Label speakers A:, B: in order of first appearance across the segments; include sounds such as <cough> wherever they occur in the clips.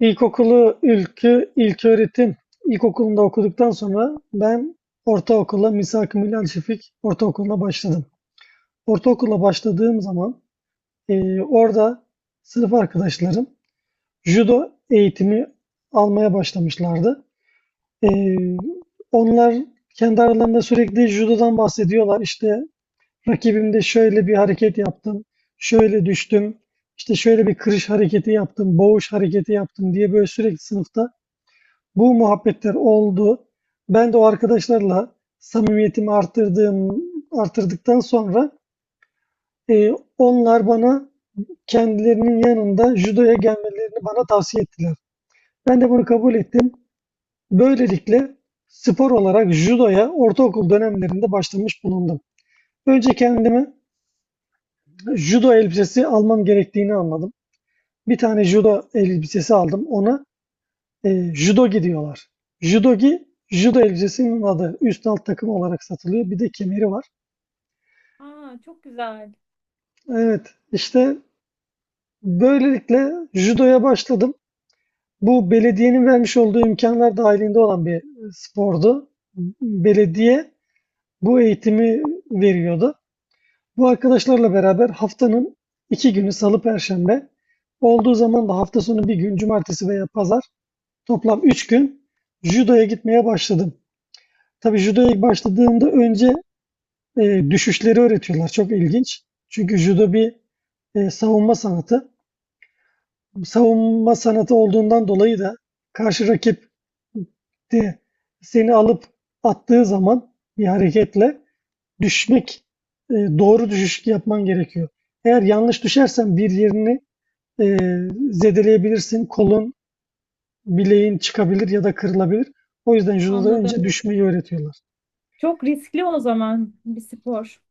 A: İlkokulu ilköğretim ilkokulunda okuduktan sonra ben ortaokula Misak-ı Milal Şefik Ortaokulu'na başladım. Ortaokula başladığım zaman orada sınıf arkadaşlarım judo eğitimi almaya başlamışlardı. Eee, onlar kendi aralarında sürekli judodan bahsediyorlar. İşte rakibimde şöyle bir hareket yaptım, şöyle düştüm, işte şöyle bir kırış hareketi yaptım, boğuş hareketi yaptım diye böyle sürekli sınıfta bu muhabbetler oldu. Ben de o arkadaşlarla samimiyetimi arttırdıktan sonra e, onlar bana kendilerinin yanında judoya gelmelerini bana tavsiye ettiler. Ben de bunu kabul ettim. Böylelikle spor olarak judoya ortaokul dönemlerinde başlamış bulundum. Önce kendime judo elbisesi almam gerektiğini anladım. Bir tane judo elbisesi aldım. Ona judogi diyorlar. Judogi, judo elbisesinin adı. Üst alt takım olarak satılıyor. Bir de kemeri var.
B: Aa, çok güzel.
A: Evet, işte böylelikle judoya başladım. Bu belediyenin vermiş olduğu imkanlar dahilinde olan bir spordu. Belediye bu eğitimi veriyordu. Bu arkadaşlarla beraber haftanın iki günü salı perşembe olduğu zaman da hafta sonu bir gün cumartesi veya pazar toplam üç gün judoya gitmeye başladım. Tabii judoya ilk başladığımda önce düşüşleri öğretiyorlar. Çok ilginç. Çünkü judo bir savunma sanatı. Savunma sanatı olduğundan dolayı da karşı rakip de seni alıp attığı zaman bir hareketle düşmek, doğru düşüş yapman gerekiyor. Eğer yanlış düşersen bir yerini e, zedeleyebilirsin. Kolun, bileğin çıkabilir ya da kırılabilir. O yüzden judoda
B: Anladım.
A: önce düşmeyi öğretiyorlar.
B: Çok riskli o zaman bir spor.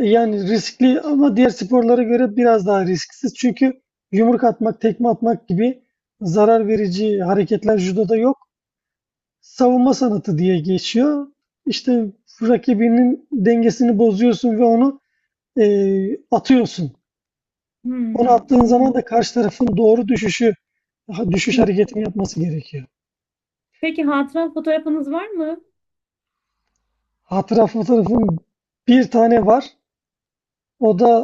A: Yani riskli ama diğer sporlara göre biraz daha risksiz. Çünkü yumruk atmak, tekme atmak gibi zarar verici hareketler judoda yok. Savunma sanatı diye geçiyor. İşte rakibinin dengesini bozuyorsun ve onu atıyorsun. Onu
B: Hmm,
A: attığın zaman
B: anladım.
A: da karşı tarafın doğru düşüşü, düşüş
B: <laughs>
A: hareketini yapması gerekiyor.
B: Peki hatıra fotoğrafınız var mı?
A: Hatıra fotoğrafım bir tane var. O da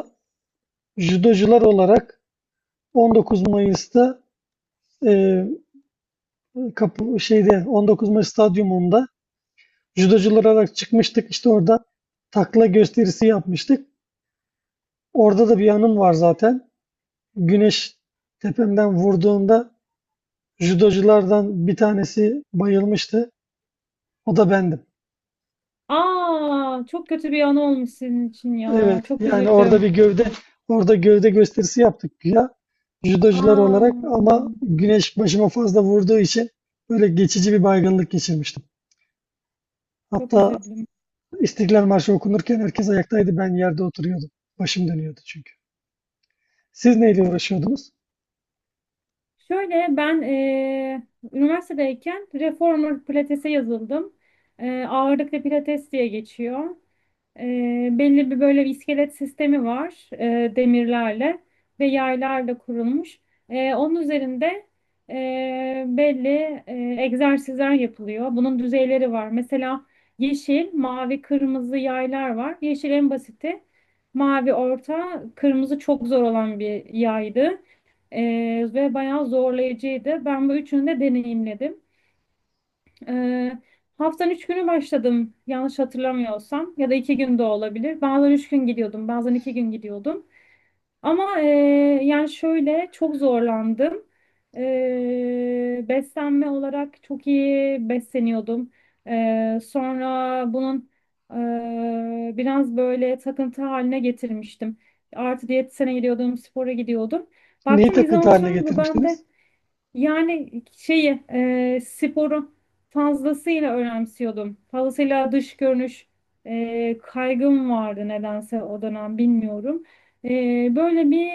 A: judocular olarak 19 Mayıs'ta eee kapı şeyde 19 Mayıs stadyumunda judocular olarak çıkmıştık. İşte orada takla gösterisi yapmıştık. Orada da bir anım var zaten. Güneş tepemden vurduğunda judoculardan bir tanesi bayılmıştı. O da bendim.
B: Aa, çok kötü bir an olmuş sizin için
A: Evet,
B: ya. Çok
A: yani
B: üzüldüm.
A: orada gövde gösterisi yaptık ya judocular
B: Aa,
A: olarak ama güneş başıma fazla vurduğu için böyle geçici bir baygınlık geçirmiştim.
B: çok
A: Hatta
B: üzüldüm.
A: İstiklal Marşı okunurken herkes ayaktaydı. Ben yerde oturuyordum. Başım dönüyordu çünkü. Siz neyle
B: Hmm.
A: uğraşıyordunuz?
B: Şöyle ben üniversitedeyken reformer pilatese yazıldım. Ağırlıklı pilates diye geçiyor. Belli bir böyle bir iskelet sistemi var, demirlerle ve yaylarla kurulmuş. Onun üzerinde belli egzersizler yapılıyor. Bunun düzeyleri var. Mesela yeşil, mavi, kırmızı yaylar var. Yeşil en basiti, mavi orta, kırmızı çok zor olan bir yaydı. Ve bayağı zorlayıcıydı. Ben bu üçünü de deneyimledim. Ee, haftanın 3 günü başladım, yanlış hatırlamıyorsam, ya da 2 gün de olabilir. Bazen 3 gün gidiyordum, bazen 2 gün gidiyordum. Ama yani şöyle, çok zorlandım. Beslenme olarak çok iyi besleniyordum. Sonra bunun biraz böyle takıntı haline getirmiştim. Artı diyetisyene gidiyordum, spora gidiyordum.
A: Neyi
B: Baktım bir
A: takıntı
B: zaman
A: haline
B: sonra bu
A: getirmiştiniz?
B: bende, yani şeyi, sporu fazlasıyla önemsiyordum. Fazlasıyla dış görünüş kaygım vardı, nedense o dönem, bilmiyorum. E, böyle bir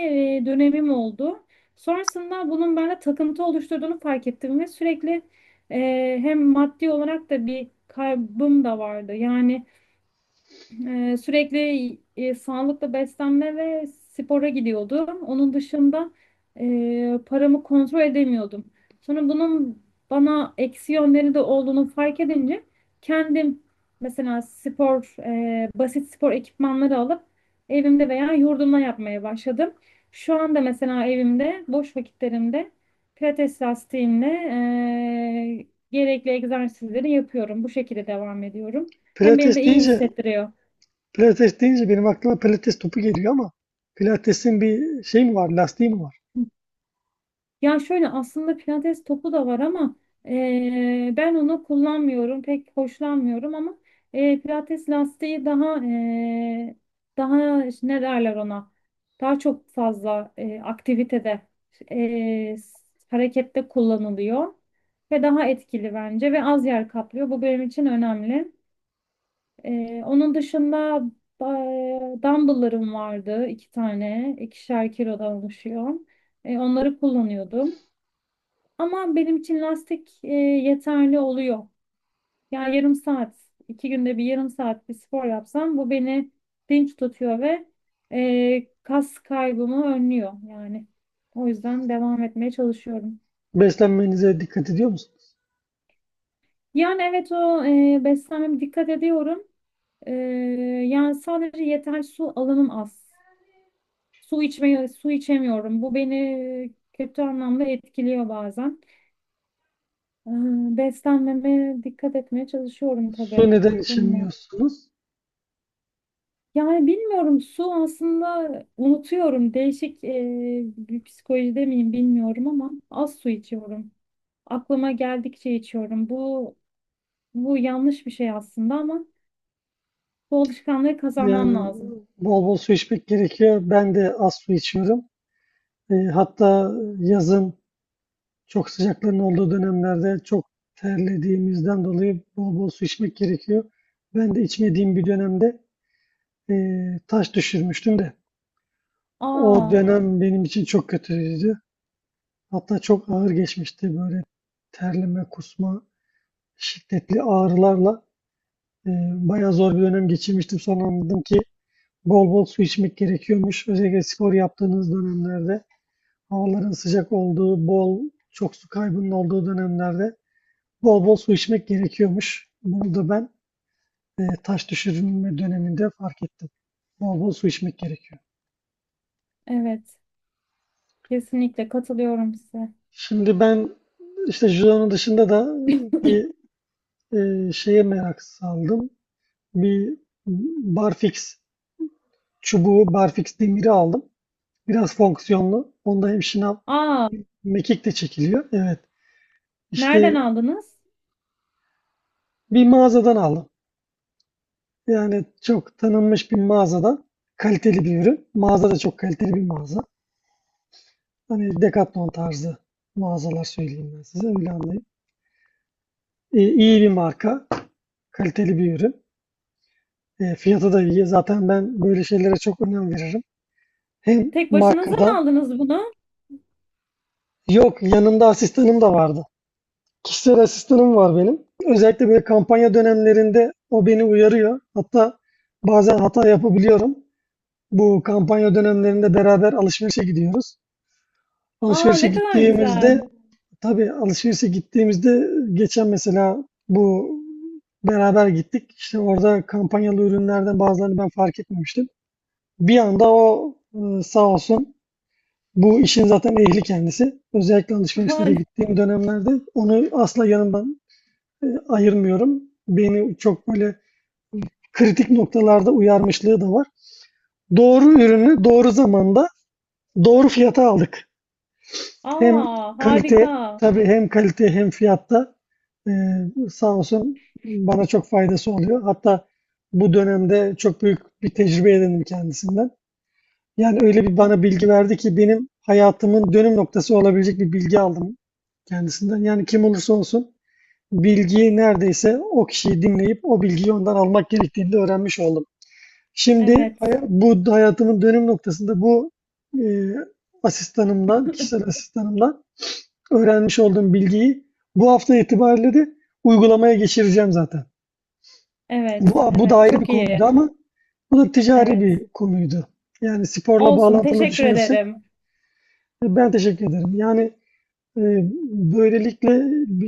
B: dönemim oldu. Sonrasında bunun bende takıntı oluşturduğunu fark ettim ve sürekli hem maddi olarak da bir kaybım da vardı. Yani sürekli sağlıklı beslenme ve spora gidiyordum. Onun dışında paramı kontrol edemiyordum. Sonra bunun bana eksi yönleri de olduğunu fark edince kendim, mesela basit spor ekipmanları alıp evimde veya yurdumda yapmaya başladım. Şu anda mesela evimde boş vakitlerimde pilates lastiğimle gerekli egzersizleri yapıyorum. Bu şekilde devam ediyorum. Hem beni de
A: Pilates
B: iyi
A: deyince,
B: hissettiriyor.
A: pilates deyince benim aklıma pilates topu geliyor ama pilatesin bir şey mi var, lastiği mi var?
B: Ya şöyle, aslında pilates topu da var ama ben onu kullanmıyorum, pek hoşlanmıyorum, ama pilates lastiği daha daha işte, ne derler ona? Daha çok fazla aktivitede, eee, harekette kullanılıyor ve daha etkili bence, ve az yer kaplıyor. Bu benim için önemli. Onun dışında dumbbell'larım vardı, iki tane, 2'şer kilodan oluşuyor. Onları kullanıyordum. Ama benim için lastik yeterli oluyor. Yani yarım saat, 2 günde bir yarım saat bir spor yapsam, bu beni dinç tutuyor ve kas kaybımı önlüyor yani. O yüzden devam etmeye çalışıyorum.
A: Beslenmenize dikkat ediyor musunuz?
B: Yani evet, beslenmeme dikkat ediyorum. E, yani sadece yeterli su alımım az. Su içemiyorum. Bu beni kötü anlamda etkiliyor bazen. E, beslenmeme dikkat etmeye çalışıyorum
A: Su
B: tabii.
A: neden
B: Bunun
A: içemiyorsunuz?
B: Yani bilmiyorum, su aslında unutuyorum. Değişik bir psikolojide miyim bilmiyorum ama az su içiyorum. Aklıma geldikçe içiyorum. Bu yanlış bir şey aslında ama bu alışkanlığı kazanmam
A: Yani
B: lazım.
A: bol bol su içmek gerekiyor. Ben de az su içiyorum. E, hatta yazın çok sıcakların olduğu dönemlerde çok terlediğimizden dolayı bol bol su içmek gerekiyor. Ben de içmediğim bir dönemde taş düşürmüştüm de o
B: Aa,
A: dönem benim için çok kötüydü. Hatta çok ağır geçmişti böyle terleme, kusma, şiddetli ağrılarla bayağı zor bir dönem geçirmiştim. Sonra anladım ki bol bol su içmek gerekiyormuş. Özellikle spor yaptığınız dönemlerde havaların sıcak olduğu, çok su kaybının olduğu dönemlerde bol bol su içmek gerekiyormuş. Bunu da ben taş düşürme döneminde fark ettim. Bol bol su içmek gerekiyor.
B: evet, kesinlikle katılıyorum size.
A: Şimdi ben işte judonun dışında da
B: <clears throat>
A: bir şeye merak saldım. Bir barfix çubuğu, barfix demiri aldım. Biraz fonksiyonlu. Onda hem şınav
B: Aa,
A: hem mekik de çekiliyor. Evet.
B: nereden
A: İşte
B: aldınız?
A: bir mağazadan aldım. Yani çok tanınmış bir mağazadan kaliteli bir ürün. Mağaza da çok kaliteli bir mağaza. Hani Decathlon tarzı mağazalar söyleyeyim ben size. Öyle anlayın. E, iyi bir marka, kaliteli bir ürün. E, fiyatı da iyi. Zaten ben böyle şeylere çok önem veririm. Hem
B: Tek başınıza mı
A: markadan,
B: aldınız bunu?
A: yok yanımda asistanım da vardı. Kişisel asistanım var benim. Özellikle böyle kampanya dönemlerinde o beni uyarıyor. Hatta bazen hata yapabiliyorum. Bu kampanya dönemlerinde beraber alışverişe gidiyoruz.
B: Aa,
A: Alışverişe
B: ne kadar
A: gittiğimizde
B: güzel.
A: Tabii, alışverişe gittiğimizde geçen mesela bu beraber gittik. İşte orada kampanyalı ürünlerden bazılarını ben fark etmemiştim. Bir anda sağ olsun bu işin zaten ehli kendisi. Özellikle alışverişlere
B: <laughs>
A: gittiğim dönemlerde onu asla yanımdan, ayırmıyorum. Beni çok böyle kritik noktalarda uyarmışlığı da var. Doğru ürünü doğru zamanda doğru fiyata aldık. Hem
B: Aa,
A: kalite
B: harika.
A: tabii hem kalite hem fiyatta sağ olsun bana çok faydası oluyor. Hatta bu dönemde çok büyük bir tecrübe edindim kendisinden. Yani öyle bir
B: Evet,
A: bana bilgi verdi ki benim hayatımın dönüm noktası olabilecek bir bilgi aldım kendisinden. Yani kim olursa olsun bilgiyi neredeyse o kişiyi dinleyip o bilgiyi ondan almak gerektiğini de öğrenmiş oldum. Şimdi
B: evet,
A: bu hayatımın dönüm noktasında bu eee asistanımdan, kişisel asistanımdan öğrenmiş olduğum bilgiyi bu hafta itibariyle de uygulamaya geçireceğim zaten.
B: evet,
A: Bu da
B: evet,
A: ayrı bir
B: çok iyi.
A: konuydu ama bu da ticari
B: Evet.
A: bir konuydu. Yani sporla
B: Olsun,
A: bağlantılı
B: teşekkür
A: düşünürsek
B: ederim.
A: ben teşekkür ederim. Yani e, böylelikle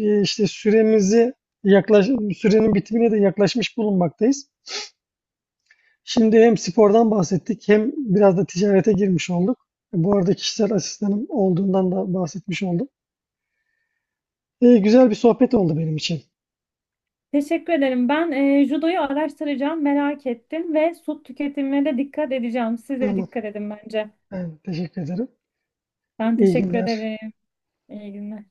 A: işte yaklaş, sürenin bitimine de yaklaşmış bulunmaktayız. Şimdi hem spordan bahsettik hem biraz da ticarete girmiş olduk. Bu arada kişisel asistanım olduğundan da bahsetmiş oldum. E, güzel bir sohbet oldu benim için.
B: Teşekkür ederim. Ben judoyu araştıracağım, merak ettim ve su tüketimine de dikkat edeceğim. Siz de
A: Tamam.
B: dikkat edin bence.
A: Ben teşekkür ederim.
B: Ben
A: İyi
B: teşekkür
A: günler.
B: ederim. İyi günler.